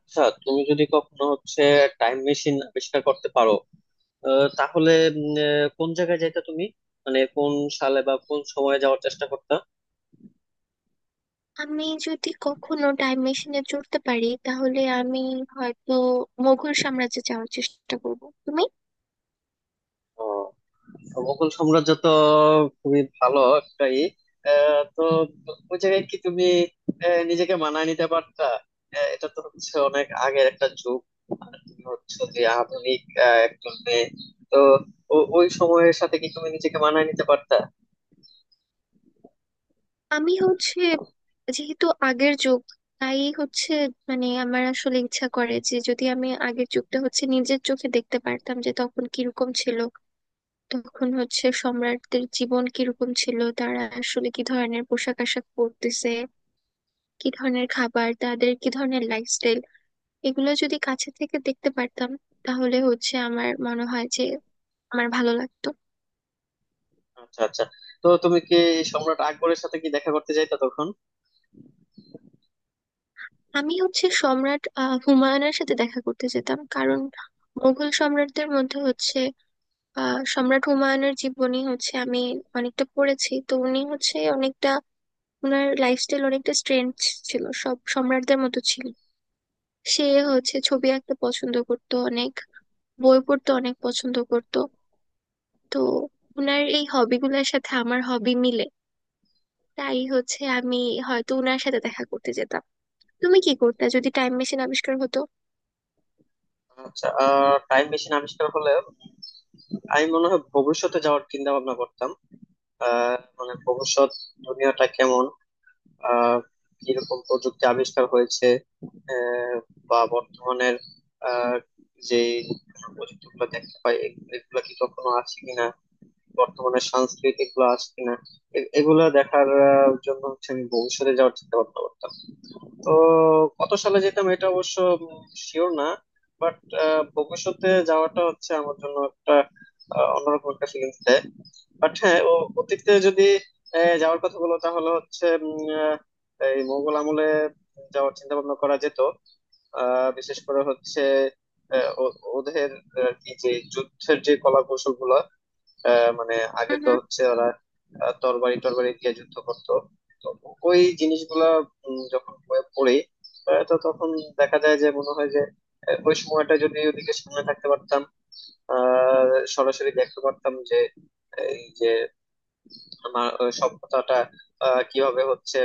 আচ্ছা, তুমি যদি কখনো হচ্ছে টাইম মেশিন আবিষ্কার করতে পারো, তাহলে কোন জায়গায় যাইতা তুমি? মানে কোন সালে বা কোন সময়ে যাওয়ার চেষ্টা করতা? আমি যদি কখনো টাইম মেশিনে চড়তে পারি তাহলে আমি হয়তো মোগল সাম্রাজ্যে যাওয়ার চেষ্টা করব। তুমি। আহ, মোগল সাম্রাজ্য তো খুবই ভালো একটাই। তো ওই জায়গায় কি তুমি নিজেকে মানায় নিতে পারতা? এটা তো হচ্ছে অনেক আগের একটা যুগ, আর তুমি হচ্ছে যে আধুনিক একজন মেয়ে। তো ওই সময়ের সাথে কি তুমি নিজেকে মানায় নিতে পারতা? আমি হচ্ছে, যেহেতু আগের যুগ, তাই হচ্ছে, মানে আমার আসলে ইচ্ছা করে যে যদি আমি আগের যুগটা হচ্ছে নিজের চোখে দেখতে পারতাম যে তখন কিরকম ছিল। তখন হচ্ছে সম্রাটদের জীবন কিরকম ছিল, তারা আসলে কি ধরনের পোশাক আশাক পরতেছে, কি ধরনের খাবার, তাদের কি ধরনের লাইফস্টাইল, এগুলো যদি কাছে থেকে দেখতে পারতাম, তাহলে হচ্ছে আমার মনে হয় যে আমার ভালো লাগতো। আচ্ছা আচ্ছা, তো তুমি কি সম্রাট আকবরের সাথে কি দেখা করতে যাইতা তখন? আমি হচ্ছে সম্রাট হুমায়ুনের সাথে দেখা করতে যেতাম, কারণ মুঘল সম্রাটদের মধ্যে হচ্ছে সম্রাট হুমায়ুনের জীবনী হচ্ছে আমি অনেকটা পড়েছি। তো উনি হচ্ছে অনেকটা, ওনার লাইফস্টাইল অনেকটা স্ট্রেঞ্জ ছিল, সব সম্রাটদের মতো ছিল। সে হচ্ছে ছবি আঁকতে পছন্দ করতো অনেক, বই পড়তে অনেক পছন্দ করতো। তো ওনার এই হবিগুলোর সাথে আমার হবি মিলে, তাই হচ্ছে আমি হয়তো উনার সাথে দেখা করতে যেতাম। তুমি কি করতে যদি টাইম মেশিন আবিষ্কার হতো? আচ্ছা, টাইম মেশিন আবিষ্কার হলে আমি মনে হয় ভবিষ্যতে যাওয়ার চিন্তা ভাবনা করতাম। মানে ভবিষ্যৎ দুনিয়াটা কেমন, আহ কিরকম প্রযুক্তি আবিষ্কার হয়েছে, আহ, বা বর্তমানের আহ যে প্রযুক্তি গুলো দেখতে পাই এগুলা কি কখনো আছে কিনা, বর্তমানে সাংস্কৃতিক গুলো আছে কিনা, এগুলা দেখার জন্য হচ্ছে আমি ভবিষ্যতে যাওয়ার চিন্তা ভাবনা করতাম। তো কত সালে যেতাম এটা অবশ্য শিওর না, বাট ভবিষ্যতে যাওয়াটা হচ্ছে আমার জন্য একটা অন্যরকম একটা ফিলিংস দেয়। বাট হ্যাঁ, ও অতীতে যদি যাওয়ার কথা বলো তাহলে হচ্ছে এই মোগল আমলে যাওয়ার চিন্তা ভাবনা করা যেত। বিশেষ করে হচ্ছে ওদের আর কি যে যুদ্ধের যে কলা কৌশল গুলো, মানে আগে হুম তো হুম। হচ্ছে ওরা তরবারি টরবারি দিয়ে যুদ্ধ করতো। তো ওই জিনিসগুলা যখন বইয়ে পড়ি, তো তখন দেখা যায় যে মনে হয় যে ওই সময়টা যদি ওদিকে সামনে থাকতে পারতাম, আহ সরাসরি দেখতে পারতাম যে এই যে আমার ওই সভ্যতাটা কিভাবে হচ্ছে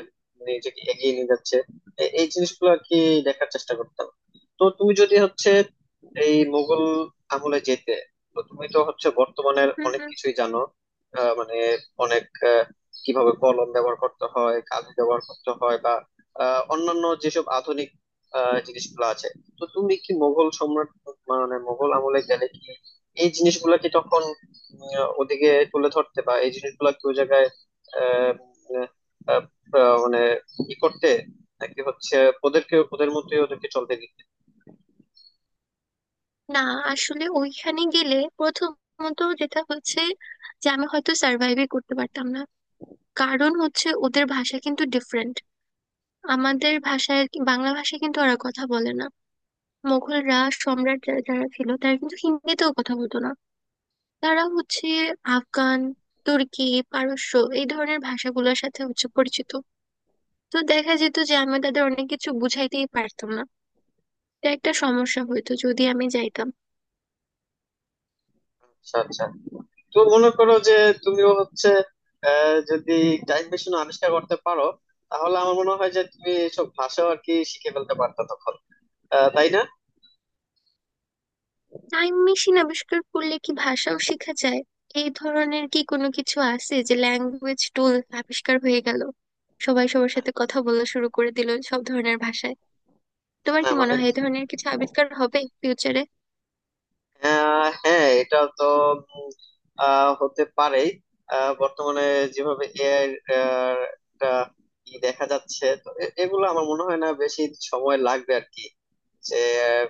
নিজেকে এগিয়ে নিয়ে যাচ্ছে, এই জিনিসগুলো আর কি দেখার চেষ্টা করতাম। তো তুমি যদি হচ্ছে এই মুঘল আমলে যেতে, তো তুমি তো হচ্ছে বর্তমানের হুম অনেক হুম। কিছুই জানো। মানে অনেক আহ, কিভাবে কলম ব্যবহার করতে হয়, কালি ব্যবহার করতে হয়, বা অন্যান্য যেসব আধুনিক জিনিসগুলো আছে। তো তুমি কি মোগল সম্রাট, মানে মোগল আমলে গেলে কি এই জিনিসগুলো কি তখন ওদিকে তুলে ধরতে, বা এই জিনিসগুলো কি ওই জায়গায় আহ, উম, আহ, আহ, মানে ই করতে, নাকি হচ্ছে ওদেরকে ওদের মতোই, ওদেরকে চলতে দিতে? না, আসলে ওইখানে গেলে প্রথমত যেটা হচ্ছে, যে আমি হয়তো সার্ভাইভই করতে পারতাম না। কারণ হচ্ছে ওদের ভাষা কিন্তু ডিফারেন্ট। আমাদের ভাষায় আর কি, বাংলা ভাষায় কিন্তু ওরা কথা বলে না। মোগলরা, সম্রাট যারা যারা ছিল তারা কিন্তু হিন্দিতেও কথা বলতো না। তারা হচ্ছে আফগান, তুর্কি, পারস্য এই ধরনের ভাষাগুলোর সাথে হচ্ছে পরিচিত। তো দেখা যেত যে আমি তাদের অনেক কিছু বুঝাইতেই পারতাম না। এটা একটা সমস্যা হইতো যদি আমি যাইতাম। আচ্ছা আচ্ছা, তো মনে করো যে তুমিও হচ্ছে যদি টাইম মেশিন আবিষ্কার করতে পারো, তাহলে আমার মনে হয় যে তুমি এইসব ভাষাও আর কি শিখে ফেলতে পারতো তখন, তাই না? টাইম মেশিন আবিষ্কার করলে কি ভাষাও শেখা যায়? এই ধরনের কি কোনো কিছু আছে যে ল্যাঙ্গুয়েজ টুল আবিষ্কার হয়ে গেল, সবাই সবার সাথে কথা বলা শুরু করে দিল সব ধরনের ভাষায়? না তোমার না, কি মনে মানে হয় এই ধরনের কিছু আবিষ্কার হবে ফিউচারে? হ্যাঁ, এটা তো উম, হতে পারেই। বর্তমানে যেভাবে এআই একটা ই দেখা যাচ্ছে, তো এগুলো আমার মনে হয় না বেশি সময় লাগবে আর কি, যে আহ,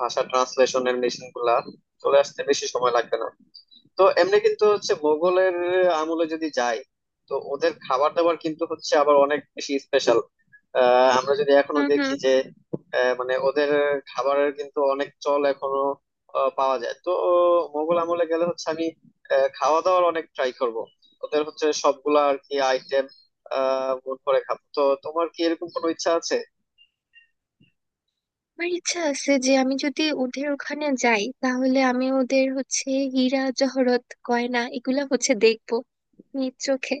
ভাষা ট্রান্সলেশনের মেশিন গুলা চলে আসতে বেশি সময় লাগবে না। তো এমনি কিন্তু হচ্ছে মোগলের আমলে যদি যাই, তো ওদের খাবার দাবার কিন্তু হচ্ছে আবার অনেক বেশি স্পেশাল। আমরা যদি এখনো হুম হুম। দেখি যে মানে ওদের খাবারের কিন্তু অনেক চল এখনো পাওয়া যায়। তো মোগল আমলে গেলে হচ্ছে আমি খাওয়া দাওয়ার অনেক ট্রাই করব। ওদের হচ্ছে সবগুলা আর কি আইটেম গুণ করে খাবো। তো তোমার কি এরকম কোনো ইচ্ছা আছে? আমার ইচ্ছা আছে যে আমি যদি ওদের ওখানে যাই তাহলে আমি ওদের হচ্ছে হীরা জহরত গয়না এগুলা হচ্ছে দেখবো নিজ চোখে।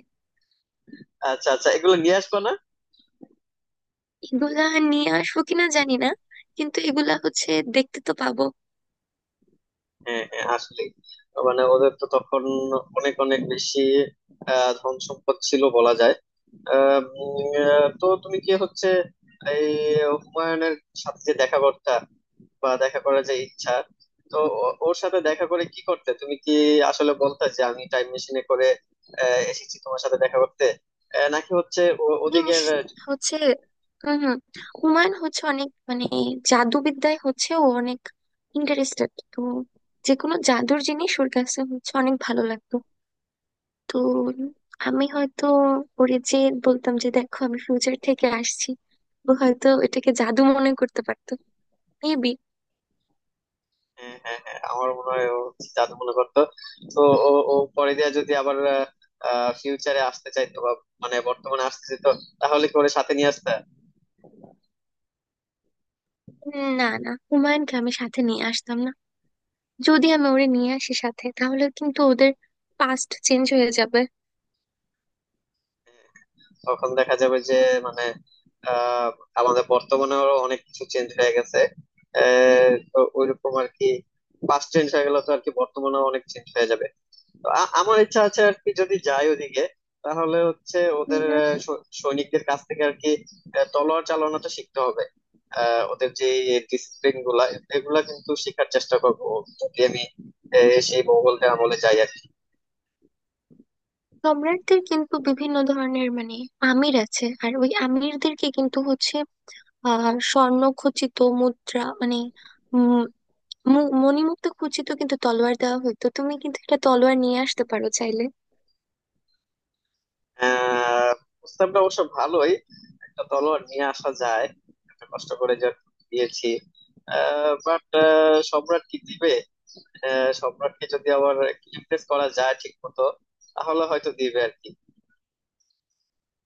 আচ্ছা আচ্ছা, এগুলো নিয়ে আসবা না? এগুলা নিয়ে আসবো কিনা জানি না, কিন্তু এগুলা হচ্ছে দেখতে তো পাবো। হ্যাঁ হ্যাঁ, আসলে মানে ওদের তো তখন অনেক অনেক বেশি ধন সম্পদ ছিল বলা যায়। আহ, উম, তো তুমি কি হচ্ছে এই হুমায়ুনের সাথে যে দেখা করতা, বা দেখা করার যে ইচ্ছা, তো ওর সাথে দেখা করে কি করতে? তুমি কি আসলে বলতে যে আমি টাইম মেশিনে করে এসেছি তোমার সাথে দেখা করতে, নাকি হচ্ছে জিনিস ওদিকের? হচ্ছে, হম, হুমায়ুন হচ্ছে অনেক, মানে জাদুবিদ্যায় হচ্ছে ও অনেক ইন্টারেস্টেড। তো যে কোনো জাদুর জিনিস ওর কাছে হচ্ছে অনেক ভালো লাগতো। তো আমি হয়তো ওরে যে বলতাম যে দেখো আমি ফিউচার থেকে আসছি, ও হয়তো এটাকে জাদু মনে করতে পারতো। মেবি। হ্যাঁ হ্যাঁ হ্যাঁ, আমার মনে হয় ও জাদু মনে করতো। তো ও ও পরে দিয়ে যদি আবার ফিউচারে আসতে চাইতো, বা মানে বর্তমানে আসতে চাইতো, তাহলে কি ওরে সাথে নিয়ে আসতে? না না, হুমায়ুনকে আমি সাথে নিয়ে আসতাম না। যদি আমি ওরে নিয়ে আসি সাথে তাহলে কিন্তু ওদের পাস্ট চেঞ্জ হয়ে যাবে। তখন দেখা যাবে যে মানে আহ আমাদের বর্তমানেও অনেক কিছু চেঞ্জ হয়ে গেছে। তো ওইরকম আর কি, পাস্ট চেঞ্জ হয়ে গেলে তো আর কি বর্তমানেও অনেক চেঞ্জ হয়ে যাবে। তো আমার ইচ্ছা আছে আর কি, যদি যাই ওদিকে, তাহলে হচ্ছে ওদের উম, সৈনিকদের কাছ থেকে আর কি তলোয়ার চালানোটা শিখতে হবে। ওদের যে ডিসিপ্লিন গুলা, এগুলা কিন্তু শেখার চেষ্টা করবো যদি আমি সেই মোগলদের আমলে যাই আর কি। সম্রাটদের কিন্তু বিভিন্ন ধরনের মানে আমির আছে, আর ওই আমিরদেরকে কিন্তু হচ্ছে আহ স্বর্ণ খচিত মুদ্রা, মানে উম মণিমুক্তা খচিত কিন্তু তলোয়ার দেওয়া হতো। তুমি কিন্তু একটা তলোয়ার নিয়ে আসতে পারো চাইলে। আহ প্রস্তাবটা অবশ্য ভালোই, একটা তলোয়ার নিয়ে আসা যায়। একটা কষ্ট করে যা দিয়েছি, বাট সম্রাট কি দিবে? সম্রাটকে যদি আবার ইমপ্রেস করা যায় ঠিক মতো, তাহলে হয়তো দিবে আর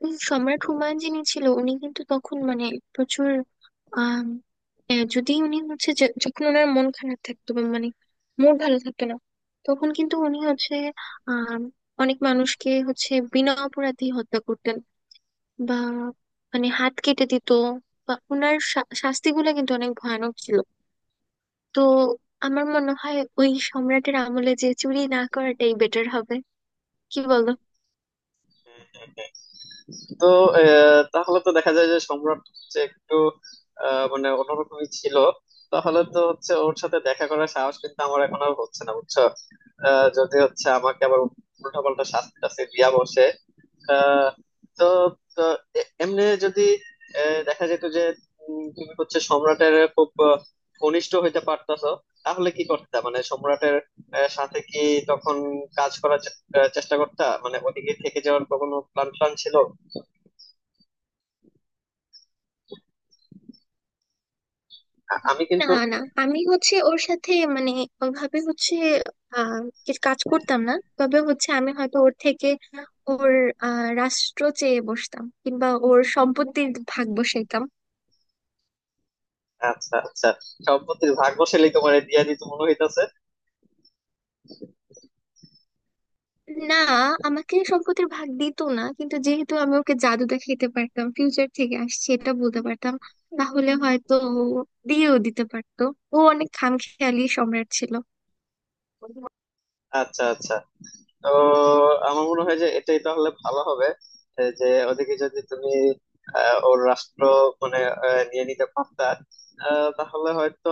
সম্রাট হুমায়ুন যিনি ছিল উনি কিন্তু তখন, মানে প্রচুর, আম, যদি উনি হচ্ছে, যে যখন ওনার মন খারাপ থাকতো বা মানে মুড ভালো থাকতো না, তখন কিন্তু উনি হচ্ছে আম, অনেক মানুষকে হচ্ছে বিনা অপরাধে হত্যা করতেন, বা মানে হাত কেটে দিত, বা ওনার শাস্তিগুলো কিন্তু অনেক ভয়ানক ছিল। তো আমার মনে হয় ওই সম্রাটের আমলে যে চুরি না করাটাই বেটার হবে। কি বলো? কি। তো তাহলে তো দেখা যায় যে সম্রাট হচ্ছে একটু মানে অন্যরকমই ছিল। তাহলে তো হচ্ছে ওর সাথে দেখা করার সাহস কিন্তু আমার এখন আর হচ্ছে না, বুঝছো? যদি হচ্ছে আমাকে আবার উল্টা পাল্টা শাস্তি টাস্তি দিয়া বসে আহ, তো, তো এমনি যদি দেখা যেত যে তুমি হচ্ছে সম্রাটের খুব ঘনিষ্ঠ হইতে পারতাছো, তাহলে কি করতে? মানে সম্রাটের সাথে কি তখন কাজ করার চেষ্টা করতা? মানে ওদিকে থেকে যাওয়ার কোনো প্ল্যান প্ল্যান ছিল? আমি কিন্তু না না, আমি হচ্ছে ওর সাথে মানে ওভাবে হচ্ছে আহ কিছু কাজ করতাম না, তবে হচ্ছে আমি হয়তো ওর থেকে ওর রাষ্ট্র চেয়ে বসতাম কিংবা ওর সম্পত্তির ভাগ বসাইতাম। আচ্ছা আচ্ছা, সম্পত্তির ভাগ বসালেই তোমার দিয়া দিত মনে হইতাছে। না, আমাকে সম্পত্তির ভাগ দিত না, কিন্তু যেহেতু আমি ওকে জাদু দেখাইতে পারতাম, ফিউচার থেকে আসছে এটা বলতে পারতাম, তাহলে হয়তো ও দিয়েও দিতে পারতো। ও অনেক খামখেয়ালি সম্রাট ছিল। আচ্ছা আচ্ছা, তো আমার মনে হয় যে এটাই তাহলে ভালো হবে। এ যে ওদিকে যদি তুমি ওর রাষ্ট্র মানে নিয়ে নিতে পারতা, তাহলে হয়তো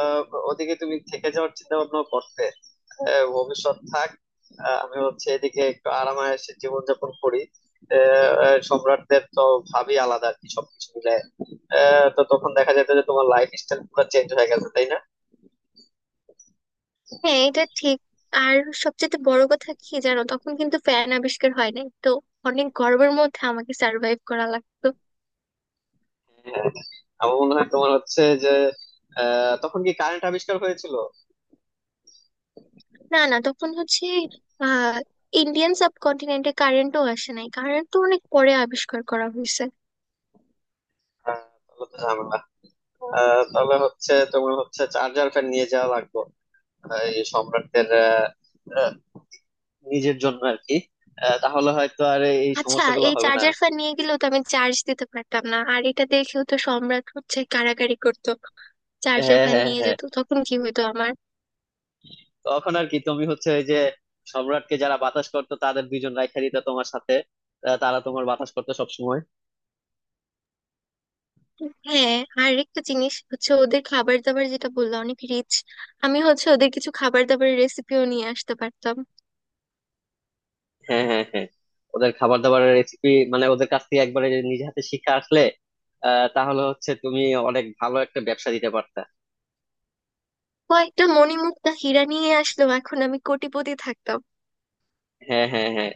আহ, ওদিকে তুমি থেকে যাওয়ার চিন্তা ভাবনা করতে। ভবিষ্যৎ থাক, আমি হচ্ছে এদিকে একটু আরামায়েশে জীবনযাপন করি। আহ, আহ, সম্রাটদের তো ভাবই আলাদা আর কি সবকিছু মিলে। তো তখন দেখা যেত যে তোমার লাইফ স্টাইল পুরো চেঞ্জ হয়ে গেছে, তাই না? হ্যাঁ, এটা ঠিক। আর সবচেয়ে বড় কথা কি জানো, তখন কিন্তু ফ্যান আবিষ্কার হয় নাই তো। অনেক গর্বের মধ্যে আমাকে সার্ভাইভ করা লাগতো। হ্যাঁ, আমার মনে হয় তোমার হচ্ছে যে তখন কি কারেন্ট আবিষ্কার হয়েছিল? না না, তখন হচ্ছে আহ ইন্ডিয়ান সাবকন্টিনেন্টে কারেন্টও আসে নাই। কারেন্ট তো অনেক পরে আবিষ্কার করা হয়েছে। আহ, তাহলে তো ঝামেলা। তাহলে হচ্ছে তোমার হচ্ছে চার্জার ফ্যান নিয়ে যাওয়া লাগবে, এই সম্রাটদের আহ, আহ, নিজের জন্য আর কি। তাহলে হয়তো আর এই আচ্ছা, সমস্যাগুলো এই হবে না। চার্জার ফ্যান নিয়ে গেলেও তো আমি চার্জ দিতে পারতাম না, আর এটা দেখেও তো সম্রাট হচ্ছে কাড়াকাড়ি করতো। চার্জার হ্যাঁ ফ্যান হ্যাঁ নিয়ে হ্যাঁ, যেত তখন কি হতো আমার? তখন আর কি তুমি হচ্ছে ওই যে সম্রাটকে যারা বাতাস করতো তাদের 2 জন রাইখা দিতা তোমার সাথে, তারা তোমার বাতাস করতো সবসময়। হ্যাঁ, আর একটা জিনিস হচ্ছে ওদের খাবার দাবার, যেটা বললাম, অনেক রিচ। আমি হচ্ছে ওদের কিছু খাবার দাবারের রেসিপিও নিয়ে আসতে পারতাম। হ্যাঁ হ্যাঁ হ্যাঁ, ওদের খাবার দাবারের রেসিপি মানে ওদের কাছ থেকে একবারে যদি নিজে হাতে শিখে আসলে, তাহলে হচ্ছে তুমি অনেক ভালো একটা ব্যবসা দিতে পারতা। কয়েকটা মণিমুক্তা হীরা নিয়ে আসলেও এখন আমি কোটিপতি থাকতাম। হ্যাঁ হ্যাঁ হ্যাঁ।